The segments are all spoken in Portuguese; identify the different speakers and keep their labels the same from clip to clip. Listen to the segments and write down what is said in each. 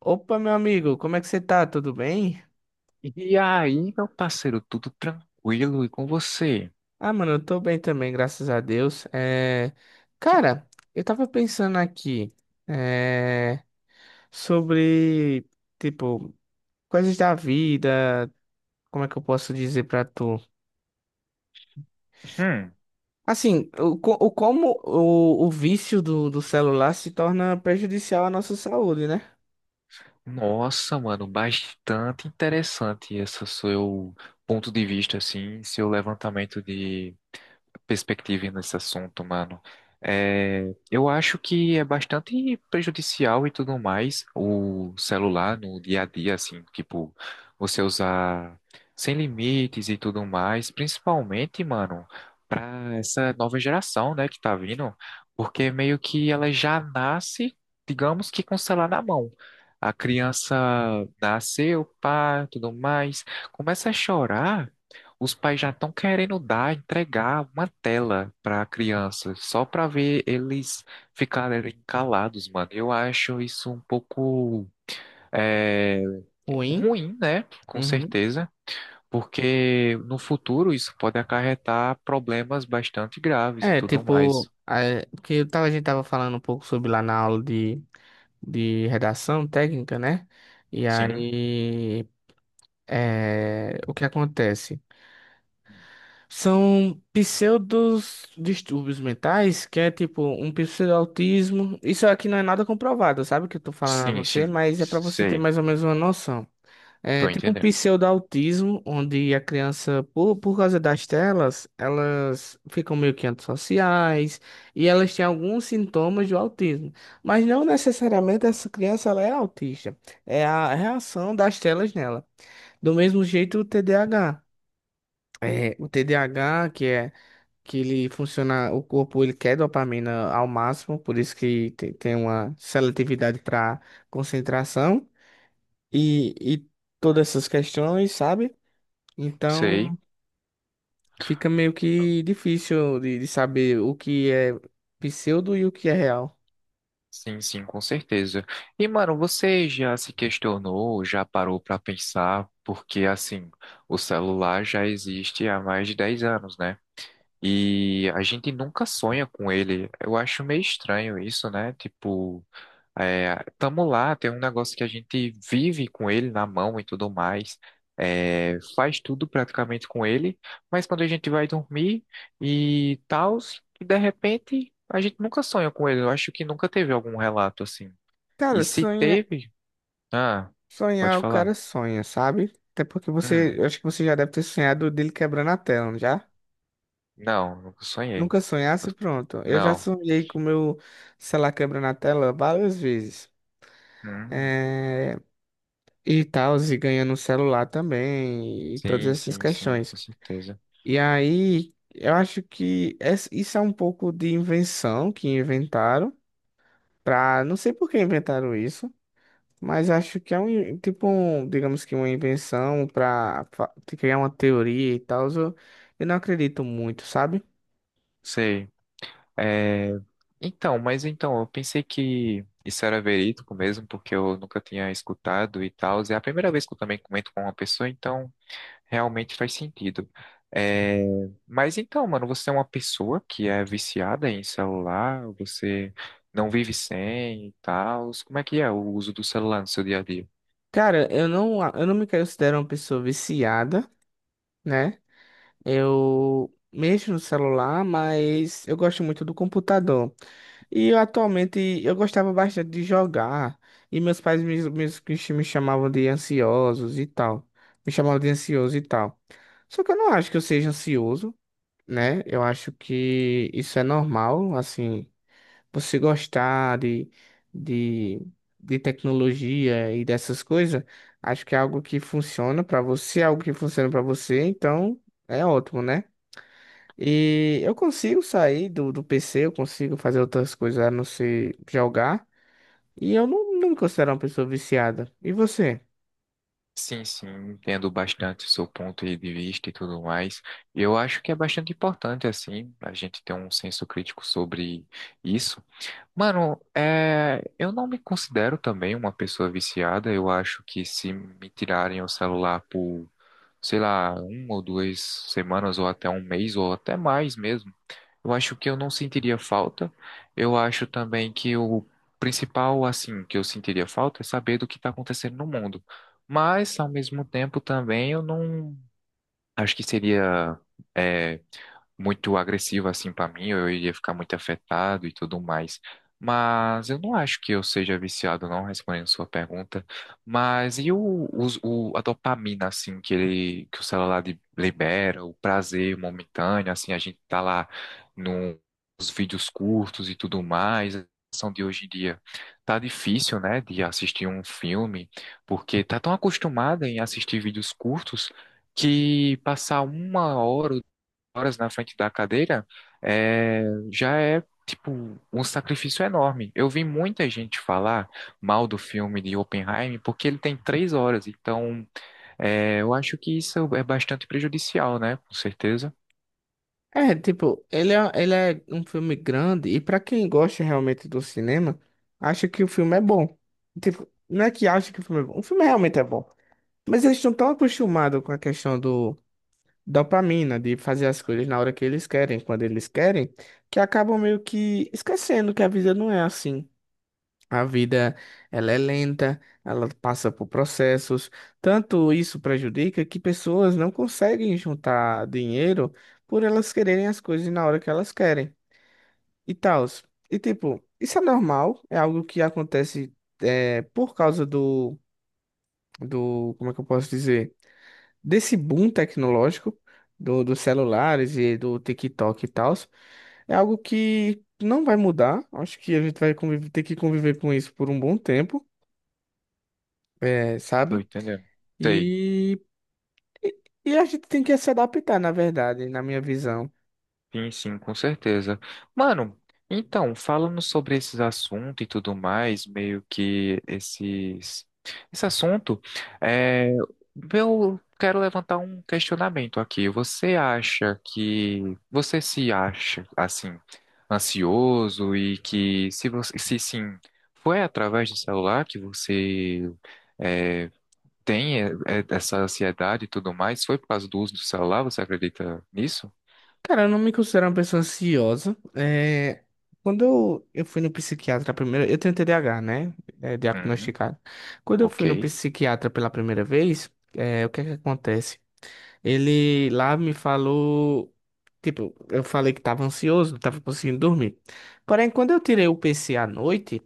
Speaker 1: Opa, meu amigo, como é que você tá? Tudo bem?
Speaker 2: E aí, meu parceiro, tudo tranquilo e com você?
Speaker 1: Eu tô bem também, graças a Deus.
Speaker 2: Que-
Speaker 1: Cara, eu tava pensando aqui é... sobre, tipo, coisas da vida, como é que eu posso dizer pra tu?
Speaker 2: hum,
Speaker 1: Assim, o, co- o como o vício do celular se torna prejudicial à nossa saúde, né?
Speaker 2: Nossa, mano, bastante interessante esse seu ponto de vista, assim, seu levantamento de perspectiva nesse assunto, mano. É, eu acho que é bastante prejudicial e tudo mais o celular no dia a dia, assim, tipo, você usar sem limites e tudo mais, principalmente, mano, pra essa nova geração, né, que tá vindo, porque meio que ela já nasce, digamos que com o celular na mão. A criança nasceu, pá, tudo mais, começa a chorar, os pais já estão querendo dar, entregar uma tela para a criança, só para ver eles ficarem calados, mano. Eu acho isso um pouco é,
Speaker 1: Ruim.
Speaker 2: ruim, né? Com
Speaker 1: Uhum.
Speaker 2: certeza, porque no futuro isso pode acarretar problemas bastante graves e tudo mais.
Speaker 1: Porque a gente tava falando um pouco sobre lá na aula de redação técnica, né? E
Speaker 2: Sim,
Speaker 1: aí, o que acontece? São pseudos distúrbios mentais, que é tipo um pseudo-autismo. Isso aqui não é nada comprovado, sabe? O que eu tô falando a
Speaker 2: sim,
Speaker 1: você,
Speaker 2: sim.
Speaker 1: mas é pra você ter
Speaker 2: Sei,
Speaker 1: mais ou menos uma noção. É
Speaker 2: tô
Speaker 1: tipo um
Speaker 2: entendendo.
Speaker 1: pseudo-autismo, onde a criança, por causa das telas, elas ficam meio que antissociais e elas têm alguns sintomas do autismo. Mas não necessariamente essa criança ela é autista. É a reação das telas nela. Do mesmo jeito o TDAH. É, o TDAH, que é que ele funciona, o corpo ele quer dopamina ao máximo, por isso que tem uma seletividade para concentração e todas essas questões, sabe?
Speaker 2: Sei.
Speaker 1: Então fica meio que difícil de saber o que é pseudo e o que é real.
Speaker 2: Sim, sim, com certeza. E, mano, você já se questionou, já parou pra pensar, porque, assim, o celular já existe há mais de 10 anos, né? E a gente nunca sonha com ele. Eu acho meio estranho isso, né? Tipo. É, tamo lá, tem um negócio que a gente vive com ele na mão e tudo mais. É, faz tudo praticamente com ele, mas quando a gente vai dormir e tal, e de repente a gente nunca sonha com ele. Eu acho que nunca teve algum relato assim. E
Speaker 1: Cara,
Speaker 2: se
Speaker 1: sonha,
Speaker 2: teve, ah,
Speaker 1: sonhar
Speaker 2: pode
Speaker 1: o
Speaker 2: falar.
Speaker 1: cara sonha, sabe? Até porque
Speaker 2: Hum,
Speaker 1: você, eu acho que você já deve ter sonhado dele quebrando a tela, não já?
Speaker 2: não, nunca sonhei.
Speaker 1: Nunca sonhasse, pronto. Eu já
Speaker 2: Não.
Speaker 1: sonhei com o meu celular quebrando a tela várias vezes.
Speaker 2: Hum,
Speaker 1: É, e tal, e ganhando um celular também, e todas
Speaker 2: sim,
Speaker 1: essas
Speaker 2: sim, sim,
Speaker 1: questões.
Speaker 2: com certeza.
Speaker 1: E aí, eu acho que isso é um pouco de invenção que inventaram. Pra, não sei por que inventaram isso, mas acho que é um, digamos que uma invenção pra te criar uma teoria e tal. Eu não acredito muito, sabe?
Speaker 2: Sei. É, então, mas então, eu pensei que isso era verídico mesmo, porque eu nunca tinha escutado e tal. É a primeira vez que eu também comento com uma pessoa, então realmente faz sentido. É, mas então, mano, você é uma pessoa que é viciada em celular, você não vive sem e tal. Como é que é o uso do celular no seu dia a dia?
Speaker 1: Cara, eu não me considero uma pessoa viciada, né? Eu mexo no celular, mas eu gosto muito do computador. E eu, atualmente eu gostava bastante de jogar. E meus pais me chamavam de ansiosos e tal. Me chamavam de ansioso e tal. Só que eu não acho que eu seja ansioso, né? Eu acho que isso é normal, assim, você gostar de, de tecnologia e dessas coisas. Acho que é algo que funciona pra você, é algo que funciona pra você, então é ótimo, né? E eu consigo sair do PC, eu consigo fazer outras coisas a não ser jogar, e eu não, não me considero uma pessoa viciada. E você?
Speaker 2: Sim, sim, entendo bastante o seu ponto de vista e tudo mais. Eu acho que é bastante importante, assim, a gente ter um senso crítico sobre isso. Mano, eu não me considero também uma pessoa viciada. Eu acho que se me tirarem o celular por, sei lá, uma ou duas semanas, ou até um mês, ou até mais mesmo, eu acho que eu não sentiria falta. Eu acho também que o principal, assim, que eu sentiria falta é saber do que está acontecendo no mundo. Mas, ao mesmo tempo, também eu não. Acho que seria é, muito agressivo assim pra mim, eu iria ficar muito afetado e tudo mais. Mas eu não acho que eu seja viciado, não, respondendo sua pergunta. Mas a dopamina, assim, que ele, que o celular libera, o prazer momentâneo, assim, a gente tá lá no- nos vídeos curtos e tudo mais. A situação de hoje em dia tá difícil, né, de assistir um filme, porque tá tão acostumada em assistir vídeos curtos que passar uma hora, ou duas horas na frente da cadeira é, já é tipo um sacrifício enorme. Eu vi muita gente falar mal do filme de Oppenheimer porque ele tem três horas, então eu acho que isso é bastante prejudicial, né? Com certeza.
Speaker 1: É, tipo, ele é um filme grande e pra quem gosta realmente do cinema, acha que o filme é bom. Tipo, não é que acha que o filme é bom, o filme realmente é bom. Mas eles estão tão acostumados com a questão do dopamina, de fazer as coisas na hora que eles querem, quando eles querem, que acabam meio que esquecendo que a vida não é assim. A vida, ela é lenta, ela passa por processos. Tanto isso prejudica que pessoas não conseguem juntar dinheiro por elas quererem as coisas na hora que elas querem e tal. E tipo, isso é normal, é algo que acontece, por causa do como é que eu posso dizer? Desse boom tecnológico do, dos celulares e do TikTok e tal. É algo que não vai mudar. Acho que a gente vai ter que conviver com isso por um bom tempo,
Speaker 2: Tô
Speaker 1: sabe?
Speaker 2: entendendo. Sei.
Speaker 1: E, e a gente tem que se adaptar, na verdade, na minha visão.
Speaker 2: Sim, sim, com certeza. Mano, então, falando sobre esses assuntos e tudo mais, meio que esse assunto, é, eu quero levantar um questionamento aqui. Você se acha, assim, ansioso e que, se você, se sim, foi através do celular que você, é, tem essa ansiedade e tudo mais? Foi por causa do uso do celular? Você acredita nisso?
Speaker 1: Cara, eu não me considero uma pessoa ansiosa. É, quando eu fui no psiquiatra primeiro, eu tenho TDAH, né? É,
Speaker 2: Uhum,
Speaker 1: diagnosticado. Quando eu
Speaker 2: ok.
Speaker 1: fui no psiquiatra pela primeira vez, é, o que é que acontece? Ele lá me falou. Tipo, eu falei que tava ansioso, não tava conseguindo dormir. Porém, quando eu tirei o PC à noite,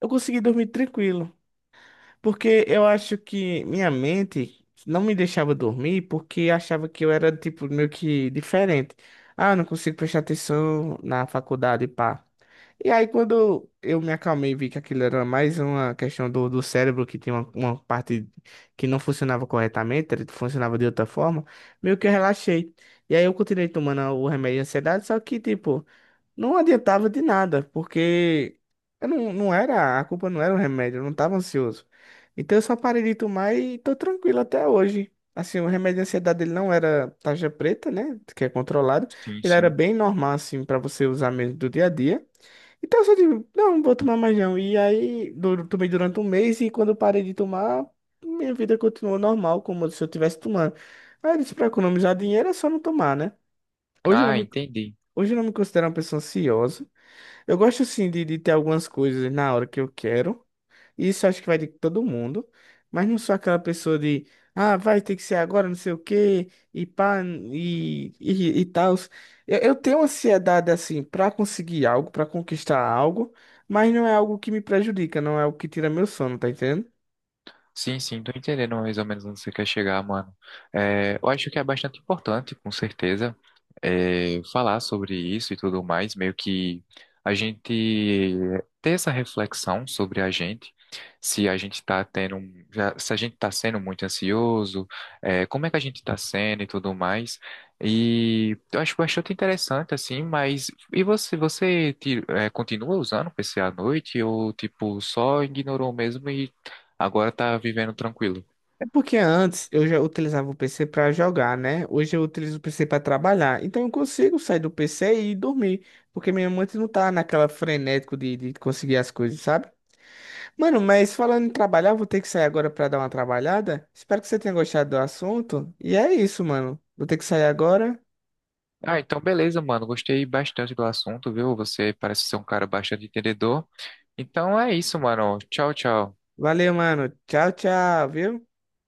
Speaker 1: eu consegui dormir tranquilo. Porque eu acho que minha mente não me deixava dormir porque achava que eu era, tipo, meio que diferente. Ah, eu não consigo prestar atenção na faculdade, pá. E aí, quando eu me acalmei e vi que aquilo era mais uma questão do cérebro, que tinha uma parte que não funcionava corretamente, ele funcionava de outra forma, meio que eu relaxei. E aí, eu continuei tomando o remédio de ansiedade, só que tipo, não adiantava de nada, porque eu não, não era, a culpa não era o remédio, eu não estava ansioso. Então eu só parei de tomar e tô tranquilo até hoje. Assim, o remédio de ansiedade ele não era tarja preta, né? Que é controlado.
Speaker 2: Sim,
Speaker 1: Ele era
Speaker 2: sim.
Speaker 1: bem normal, assim, para você usar mesmo do dia a dia. Então eu só digo, não, não vou tomar mais não. E aí, tomei durante 1 mês e quando eu parei de tomar, minha vida continuou normal, como se eu estivesse tomando. Aí eu disse, pra economizar dinheiro é só não tomar, né? Hoje eu não
Speaker 2: Ah,
Speaker 1: me,
Speaker 2: entendi.
Speaker 1: hoje eu não me considero uma pessoa ansiosa. Eu gosto sim de ter algumas coisas na hora que eu quero. Isso acho que vai de todo mundo. Mas não sou aquela pessoa de, ah, vai ter que ser agora, não sei o quê, e pá, e tal. Eu tenho ansiedade assim pra conseguir algo, pra conquistar algo, mas não é algo que me prejudica, não é algo que tira meu sono, tá entendendo?
Speaker 2: Sim, sim, tô entendendo mais ou menos onde você quer chegar, mano. Eu acho que é bastante importante, com certeza, falar sobre isso e tudo mais, meio que a gente ter essa reflexão sobre a gente, se a gente tá tendo, se a gente tá sendo muito ansioso, como é que a gente tá sendo e tudo mais. E eu acho bastante interessante, assim, mas e você, você continua usando o PC à noite ou, tipo, só ignorou mesmo? Agora tá vivendo tranquilo.
Speaker 1: É porque antes eu já utilizava o PC para jogar, né? Hoje eu utilizo o PC para trabalhar. Então eu consigo sair do PC e ir dormir. Porque minha mente não tá naquela frenético de conseguir as coisas, sabe? Mano, mas falando em trabalhar, eu vou ter que sair agora para dar uma trabalhada. Espero que você tenha gostado do assunto. E é isso, mano. Vou ter que sair agora.
Speaker 2: Ah, então beleza, mano. Gostei bastante do assunto, viu? Você parece ser um cara bastante entendedor. Então é isso, mano. Tchau, tchau.
Speaker 1: Valeu, mano. Tchau, tchau, viu?